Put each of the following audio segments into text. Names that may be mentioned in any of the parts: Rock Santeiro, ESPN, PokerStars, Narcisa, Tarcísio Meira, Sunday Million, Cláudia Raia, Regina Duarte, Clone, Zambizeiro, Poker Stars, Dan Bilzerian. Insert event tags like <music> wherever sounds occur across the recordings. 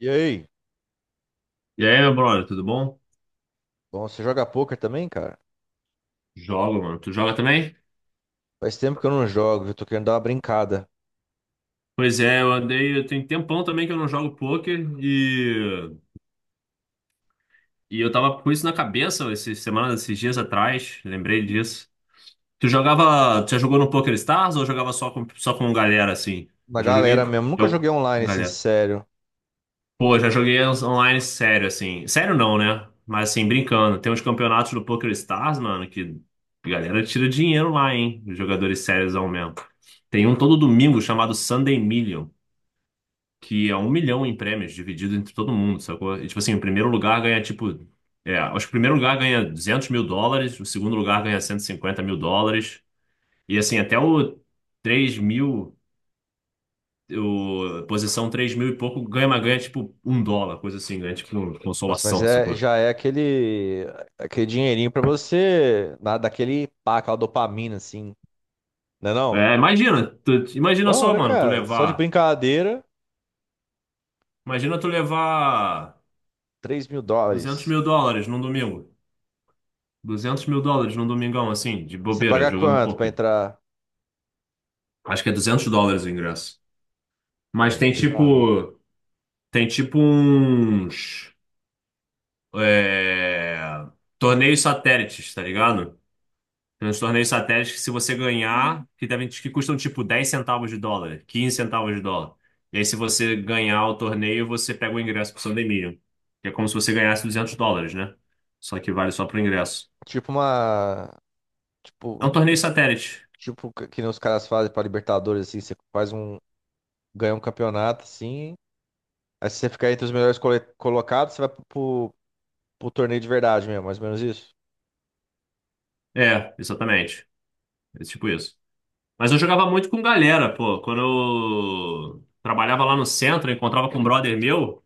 E aí? E aí, meu brother, tudo bom? Bom, você joga poker também, cara? Jogo, mano. Tu joga também? Faz tempo que eu não jogo, eu tô querendo dar uma brincada. Pois é, eu andei. Eu tenho tempão também que eu não jogo poker. E eu tava com isso na cabeça essas semanas, esses dias atrás. Lembrei disso. Tu jogava. Tu já jogou no Poker Stars ou jogava só com galera assim? Na Eu já joguei. galera mesmo, nunca joguei Jogo. online assim, Galera. sério. Pô, já joguei uns online sério, assim. Sério não, né? Mas assim, brincando. Tem uns campeonatos do Poker Stars, mano, que a galera tira dinheiro lá, hein? Os jogadores sérios ao mesmo. Tem um todo domingo chamado Sunday Million, que é 1 milhão em prêmios dividido entre todo mundo, sacou? E, tipo assim, o primeiro lugar ganha, tipo... É, acho que o primeiro lugar ganha US$ 200 mil, o segundo lugar ganha US$ 150 mil. E assim, até o 3 mil posição 3 mil e pouco ganha, mas ganha tipo US$ 1, coisa assim, ganha tipo Nossa, mas consolação, é, sacou? já é aquele dinheirinho pra você, na, daquele pá, aquela dopamina assim, né não? É, imagina, imagina Bom, só, né, mano, tu cara? Só de levar. brincadeira, Imagina tu levar três mil 200 dólares. mil dólares num domingo. Duzentos mil dólares num domingão, assim, de E você bobeira, paga jogando quanto pra poker. entrar? Acho que é US$ 200 o ingresso. Mas É tem pesado, hein? tipo. Tem tipo uns. É, torneios satélites, tá ligado? Nos torneios satélites que se você ganhar, que custam tipo 10 centavos de dólar, 15 centavos de dólar. E aí se você ganhar o torneio, você pega o ingresso pro Sun Dominion, que é como se você ganhasse 200 dólares, né? Só que vale só pro ingresso. Tipo uma... É Tipo, um torneio satélite. tipo que nem os caras fazem pra Libertadores, assim, você faz um... ganha um campeonato, assim, aí se você ficar entre os melhores colocados, você vai pro torneio de verdade mesmo, mais ou menos isso. É, exatamente. É tipo isso. Mas eu jogava muito com galera, pô. Quando eu trabalhava lá no centro, eu encontrava com um brother meu.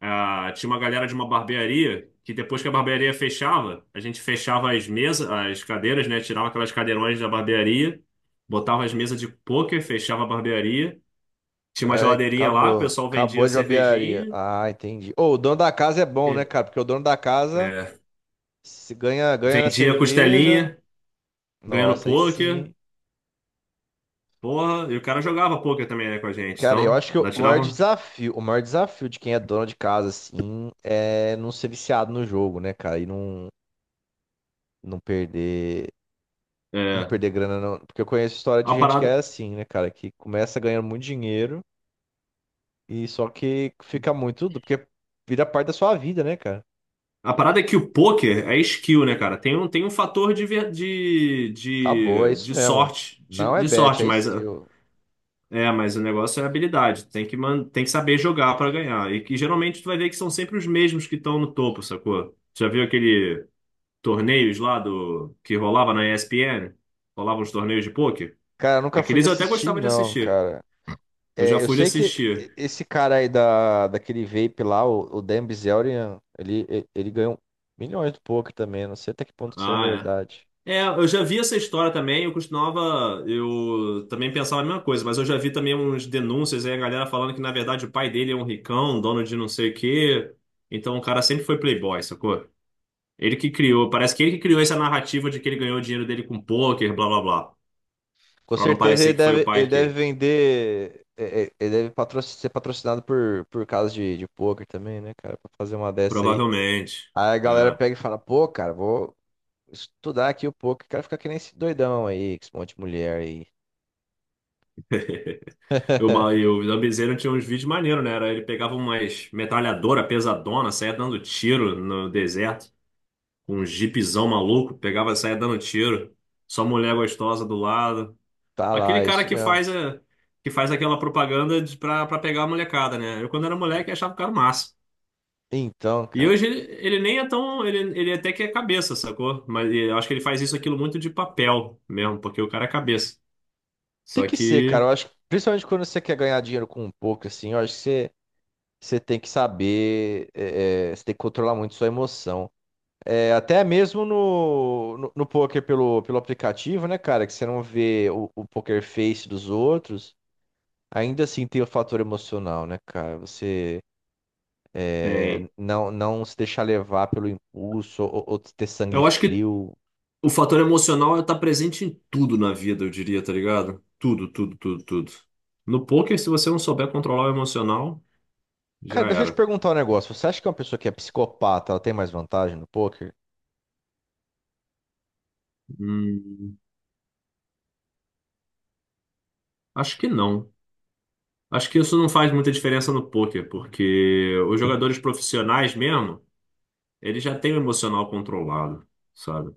Ah, tinha uma galera de uma barbearia que depois que a barbearia fechava, a gente fechava as mesas, as cadeiras, né? Tirava aquelas cadeirões da barbearia, botava as mesas de pôquer, fechava a barbearia. Tinha uma É, geladeirinha lá, o acabou. pessoal vendia Acabou de barbearia. cervejinha, Ah, entendi. Ô, o dono da casa é bom, né, e- cara? Porque o dono da casa, é, se ganha, ganha na vendia cerveja. costelinha, ganhando Nossa, aí pôquer. sim. Porra, e o cara jogava pôquer também, né, com a gente. Cara, eu Então, acho que ainda tirava. O maior desafio de quem é dono de casa, assim, é não ser viciado no jogo, né, cara? E não, não perder, não É, perder grana, não. Porque eu conheço história de a gente que é parada, assim, né, cara? Que começa ganhando muito dinheiro. E só que fica muito, porque vira parte da sua vida, né, cara? a parada é que o poker é skill, né, cara? Tem um fator de, ver- de, Acabou, é de, isso de mesmo. sorteNão é bet, é mas skill. O negócio é habilidade. Tem que saber jogar pra ganhar. E que geralmente tu vai ver que são sempre os mesmos que estão no topo, sacou? Tu já viu aquele torneios lá do que rolava na ESPN? Rolavam os torneios de poker? Cara, eu nunca fui de Aqueles eu até assistir, gostava de não, assistir. cara. Eu já É, eu fui de sei que assistir. esse cara aí da, daquele vape lá, o Dan Bilzerian, ele ganhou milhões do poker também. Não sei até que ponto isso é Ah, verdade. é. É, eu já vi essa história também, eu costumava, eu também pensava a mesma coisa, mas eu já vi também uns denúncias aí, a galera falando que na verdade o pai dele é um ricão, um dono de não sei o quê, então o cara sempre foi playboy, sacou? Parece que ele que criou essa narrativa de que ele ganhou o dinheiro dele com pôquer, blá blá blá, Com pra não certeza ele parecer que foi o deve, ele pai deve que, vender. Ele deve ser patrocinado por casas de poker também, né, cara? Pra fazer uma dessa aí. provavelmente, Aí a galera é. pega e fala, pô, cara, vou estudar aqui um pouco. Quero ficar que nem esse doidão aí, com esse monte de mulher aí. <laughs> O Zambizeiro tinha uns vídeos maneiros, né, era, ele pegava umas metralhadora pesadona, saia dando tiro no deserto, com um jipzão maluco, pegava, saía dando tiro, só mulher gostosa do lado. Tá Aquele lá, cara isso que mesmo. faz a, que faz aquela propaganda pra pegar a molecada, né? Eu, quando era moleque, achava o cara massa. Então, E cara, hoje ele nem é tão. Ele até que é cabeça, sacou? Mas eu acho que ele faz isso aquilo muito de papel mesmo, porque o cara é cabeça. tem Só que ser, cara. Eu que acho que, principalmente quando você quer ganhar dinheiro com um pouco, assim, eu acho que você tem que saber, você tem que controlar muito sua emoção. É, até mesmo no poker pelo aplicativo, né, cara, que você não vê o poker face dos outros, ainda assim tem o fator emocional, né, cara? Você. É, tem. não, não se deixar levar pelo impulso, ou ter sangue Eu acho que frio. o fator emocional é tá presente em tudo na vida, eu diria, tá ligado? Tudo, tudo, tudo, tudo. No poker, se você não souber controlar o emocional, já Cara, deixa eu te era. perguntar um negócio. Você acha que uma pessoa que é psicopata, ela tem mais vantagem no poker? Hum, acho que não. Acho que isso não faz muita diferença no poker, porque os jogadores profissionais mesmo, eles já têm o emocional controlado, sabe?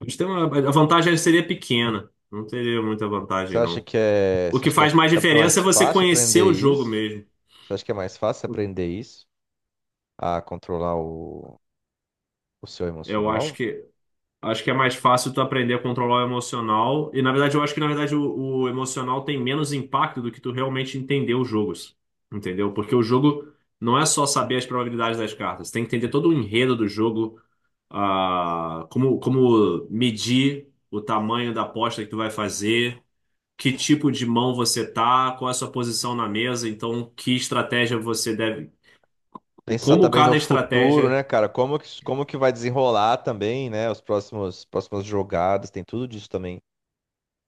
Eles têm a vantagem seria pequena, não teria muita Você vantagem, acha não. que é, O você que acha que é, faz mais é diferença mais é você fácil conhecer aprender o jogo isso? mesmo. Você acha que é mais fácil aprender isso? A controlar o seu Eu acho emocional? que Acho que é mais fácil tu aprender a controlar o emocional. E na verdade, eu acho que na verdade o emocional tem menos impacto do que tu realmente entender os jogos. Entendeu? Porque o jogo não é só saber as probabilidades das cartas. Tem que entender todo o enredo do jogo, como medir o tamanho da aposta que tu vai fazer, que tipo de mão você tá, qual é a sua posição na mesa, então que estratégia você deve. Pensar Como também no cada futuro, né, estratégia. cara? como que, vai desenrolar também, né? Próximas jogadas, tem tudo disso também.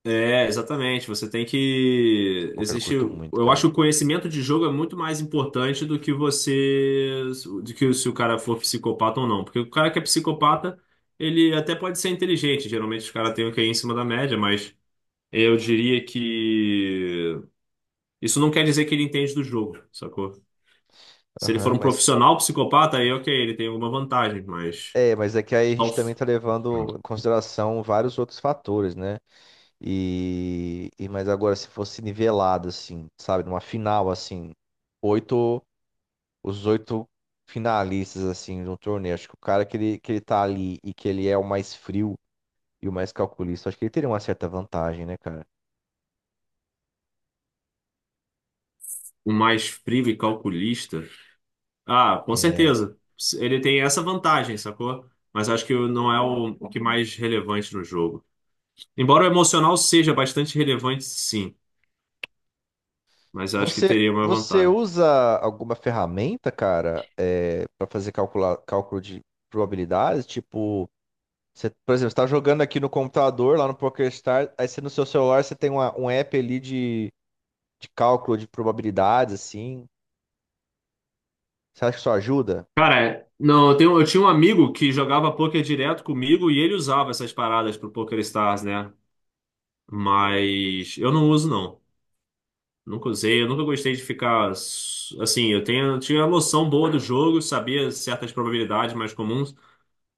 É, exatamente. Você tem que. Poker eu Existe. curto muito, Eu acho que cara. o conhecimento de jogo é muito mais importante do que você. Do que se o cara for psicopata ou não. Porque o cara que é psicopata, ele até pode ser inteligente. Geralmente os caras têm o que é em cima da média, mas eu diria que. Isso não quer dizer que ele entende do jogo, sacou? Se ele for Aham, um profissional psicopata, aí ok, ele tem alguma vantagem, mas. Mas é que aí a Só. gente também está levando em consideração vários outros fatores, né? Mas agora se fosse nivelado assim, sabe, numa final assim, oito, os oito finalistas assim de um torneio, acho que o cara que ele tá ali e que ele é o mais frio e o mais calculista, acho que ele teria uma certa vantagem, né, cara? Um mais frio e calculista. Ah, com É. certeza. Ele tem essa vantagem, sacou? Mas acho que não é o que mais relevante no jogo. Embora o emocional seja bastante relevante, sim. Mas acho que Você teria uma você vantagem. usa alguma ferramenta, cara, para fazer cálculo de probabilidades, tipo, você, por exemplo, você tá jogando aqui no computador, lá no PokerStars, aí você no seu celular você tem um app ali de cálculo de probabilidades, assim. Você acha que isso ajuda? Cara, não, eu tinha um amigo que jogava poker direto comigo e ele usava essas paradas pro Poker Stars, né? Mas eu não uso, não. Nunca usei, eu nunca gostei de ficar. Assim, eu tinha a noção boa do jogo, sabia certas probabilidades mais comuns.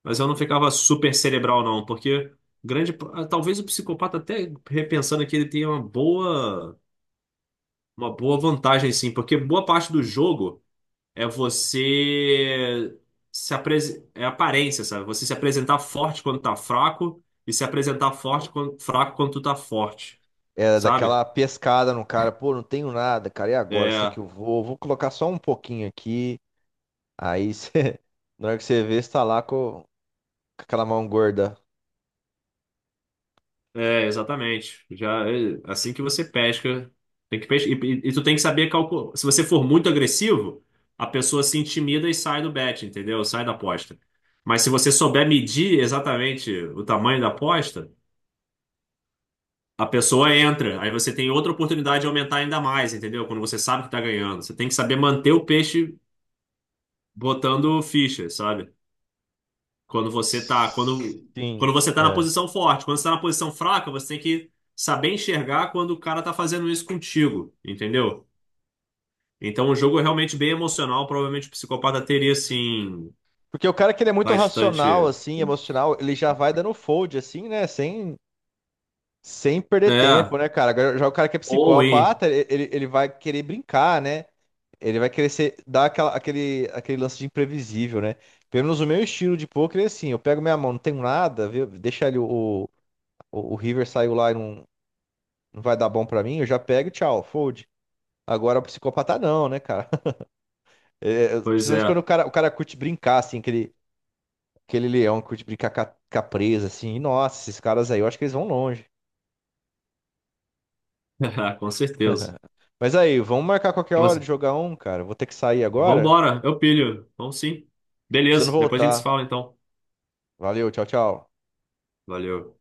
Mas eu não ficava super cerebral, não, porque grande, talvez o psicopata até repensando aqui ele tenha uma boa vantagem, sim, porque boa parte do jogo é você se apres... é aparência, sabe? Você se apresentar forte quando tá fraco e se apresentar forte quando... fraco quando tu tá forte, É sabe? daquela pescada no cara, pô, não tenho nada, cara, e agora? Será que É, eu vou? Vou colocar só um pouquinho aqui. Aí você, <laughs> na hora que você vê, você tá lá com, aquela mão gorda. É, exatamente. Já é, assim que você pesca, tem que pesca, e tu tem que saber calcular. Se você for muito agressivo, a pessoa se intimida e sai do bet, entendeu? Sai da aposta. Mas se você souber medir exatamente o tamanho da aposta, a pessoa entra. Aí você tem outra oportunidade de aumentar ainda mais, entendeu? Quando você sabe que tá ganhando, você tem que saber manter o peixe botando ficha, sabe? Quando você tá, quando, Sim, quando você tá na é. posição forte, quando você tá na posição fraca, você tem que saber enxergar quando o cara tá fazendo isso contigo, entendeu? Então o jogo é realmente bem emocional, provavelmente o psicopata teria assim Porque o cara que ele é muito racional, bastante, assim, emocional, ele já vai dando fold, assim, né? Sem perder é, tempo, né, cara? Agora, já o cara que é ou hein, psicopata, ele vai querer brincar, né? Ele vai querer dar aquele lance de imprevisível, né? Pelo menos o meu estilo de poker é assim: eu pego minha mão, não tenho nada, viu? Deixa ele, o River saiu lá e não vai dar bom pra mim, eu já pego e tchau, fold. Agora o psicopata não, né, cara? <laughs> É, pois principalmente quando o é, cara, o cara curte brincar, assim, aquele leão que curte brincar com a presa, assim. Nossa, esses caras aí, eu acho que eles vão longe. <laughs> com certeza. Mas aí, vamos marcar qualquer hora de Você- jogar um, cara. Vou ter que sair agora. Vambora, eu pilho. Vamos sim. Precisando Beleza, depois a gente se voltar. fala então. Valeu, tchau, tchau. Valeu.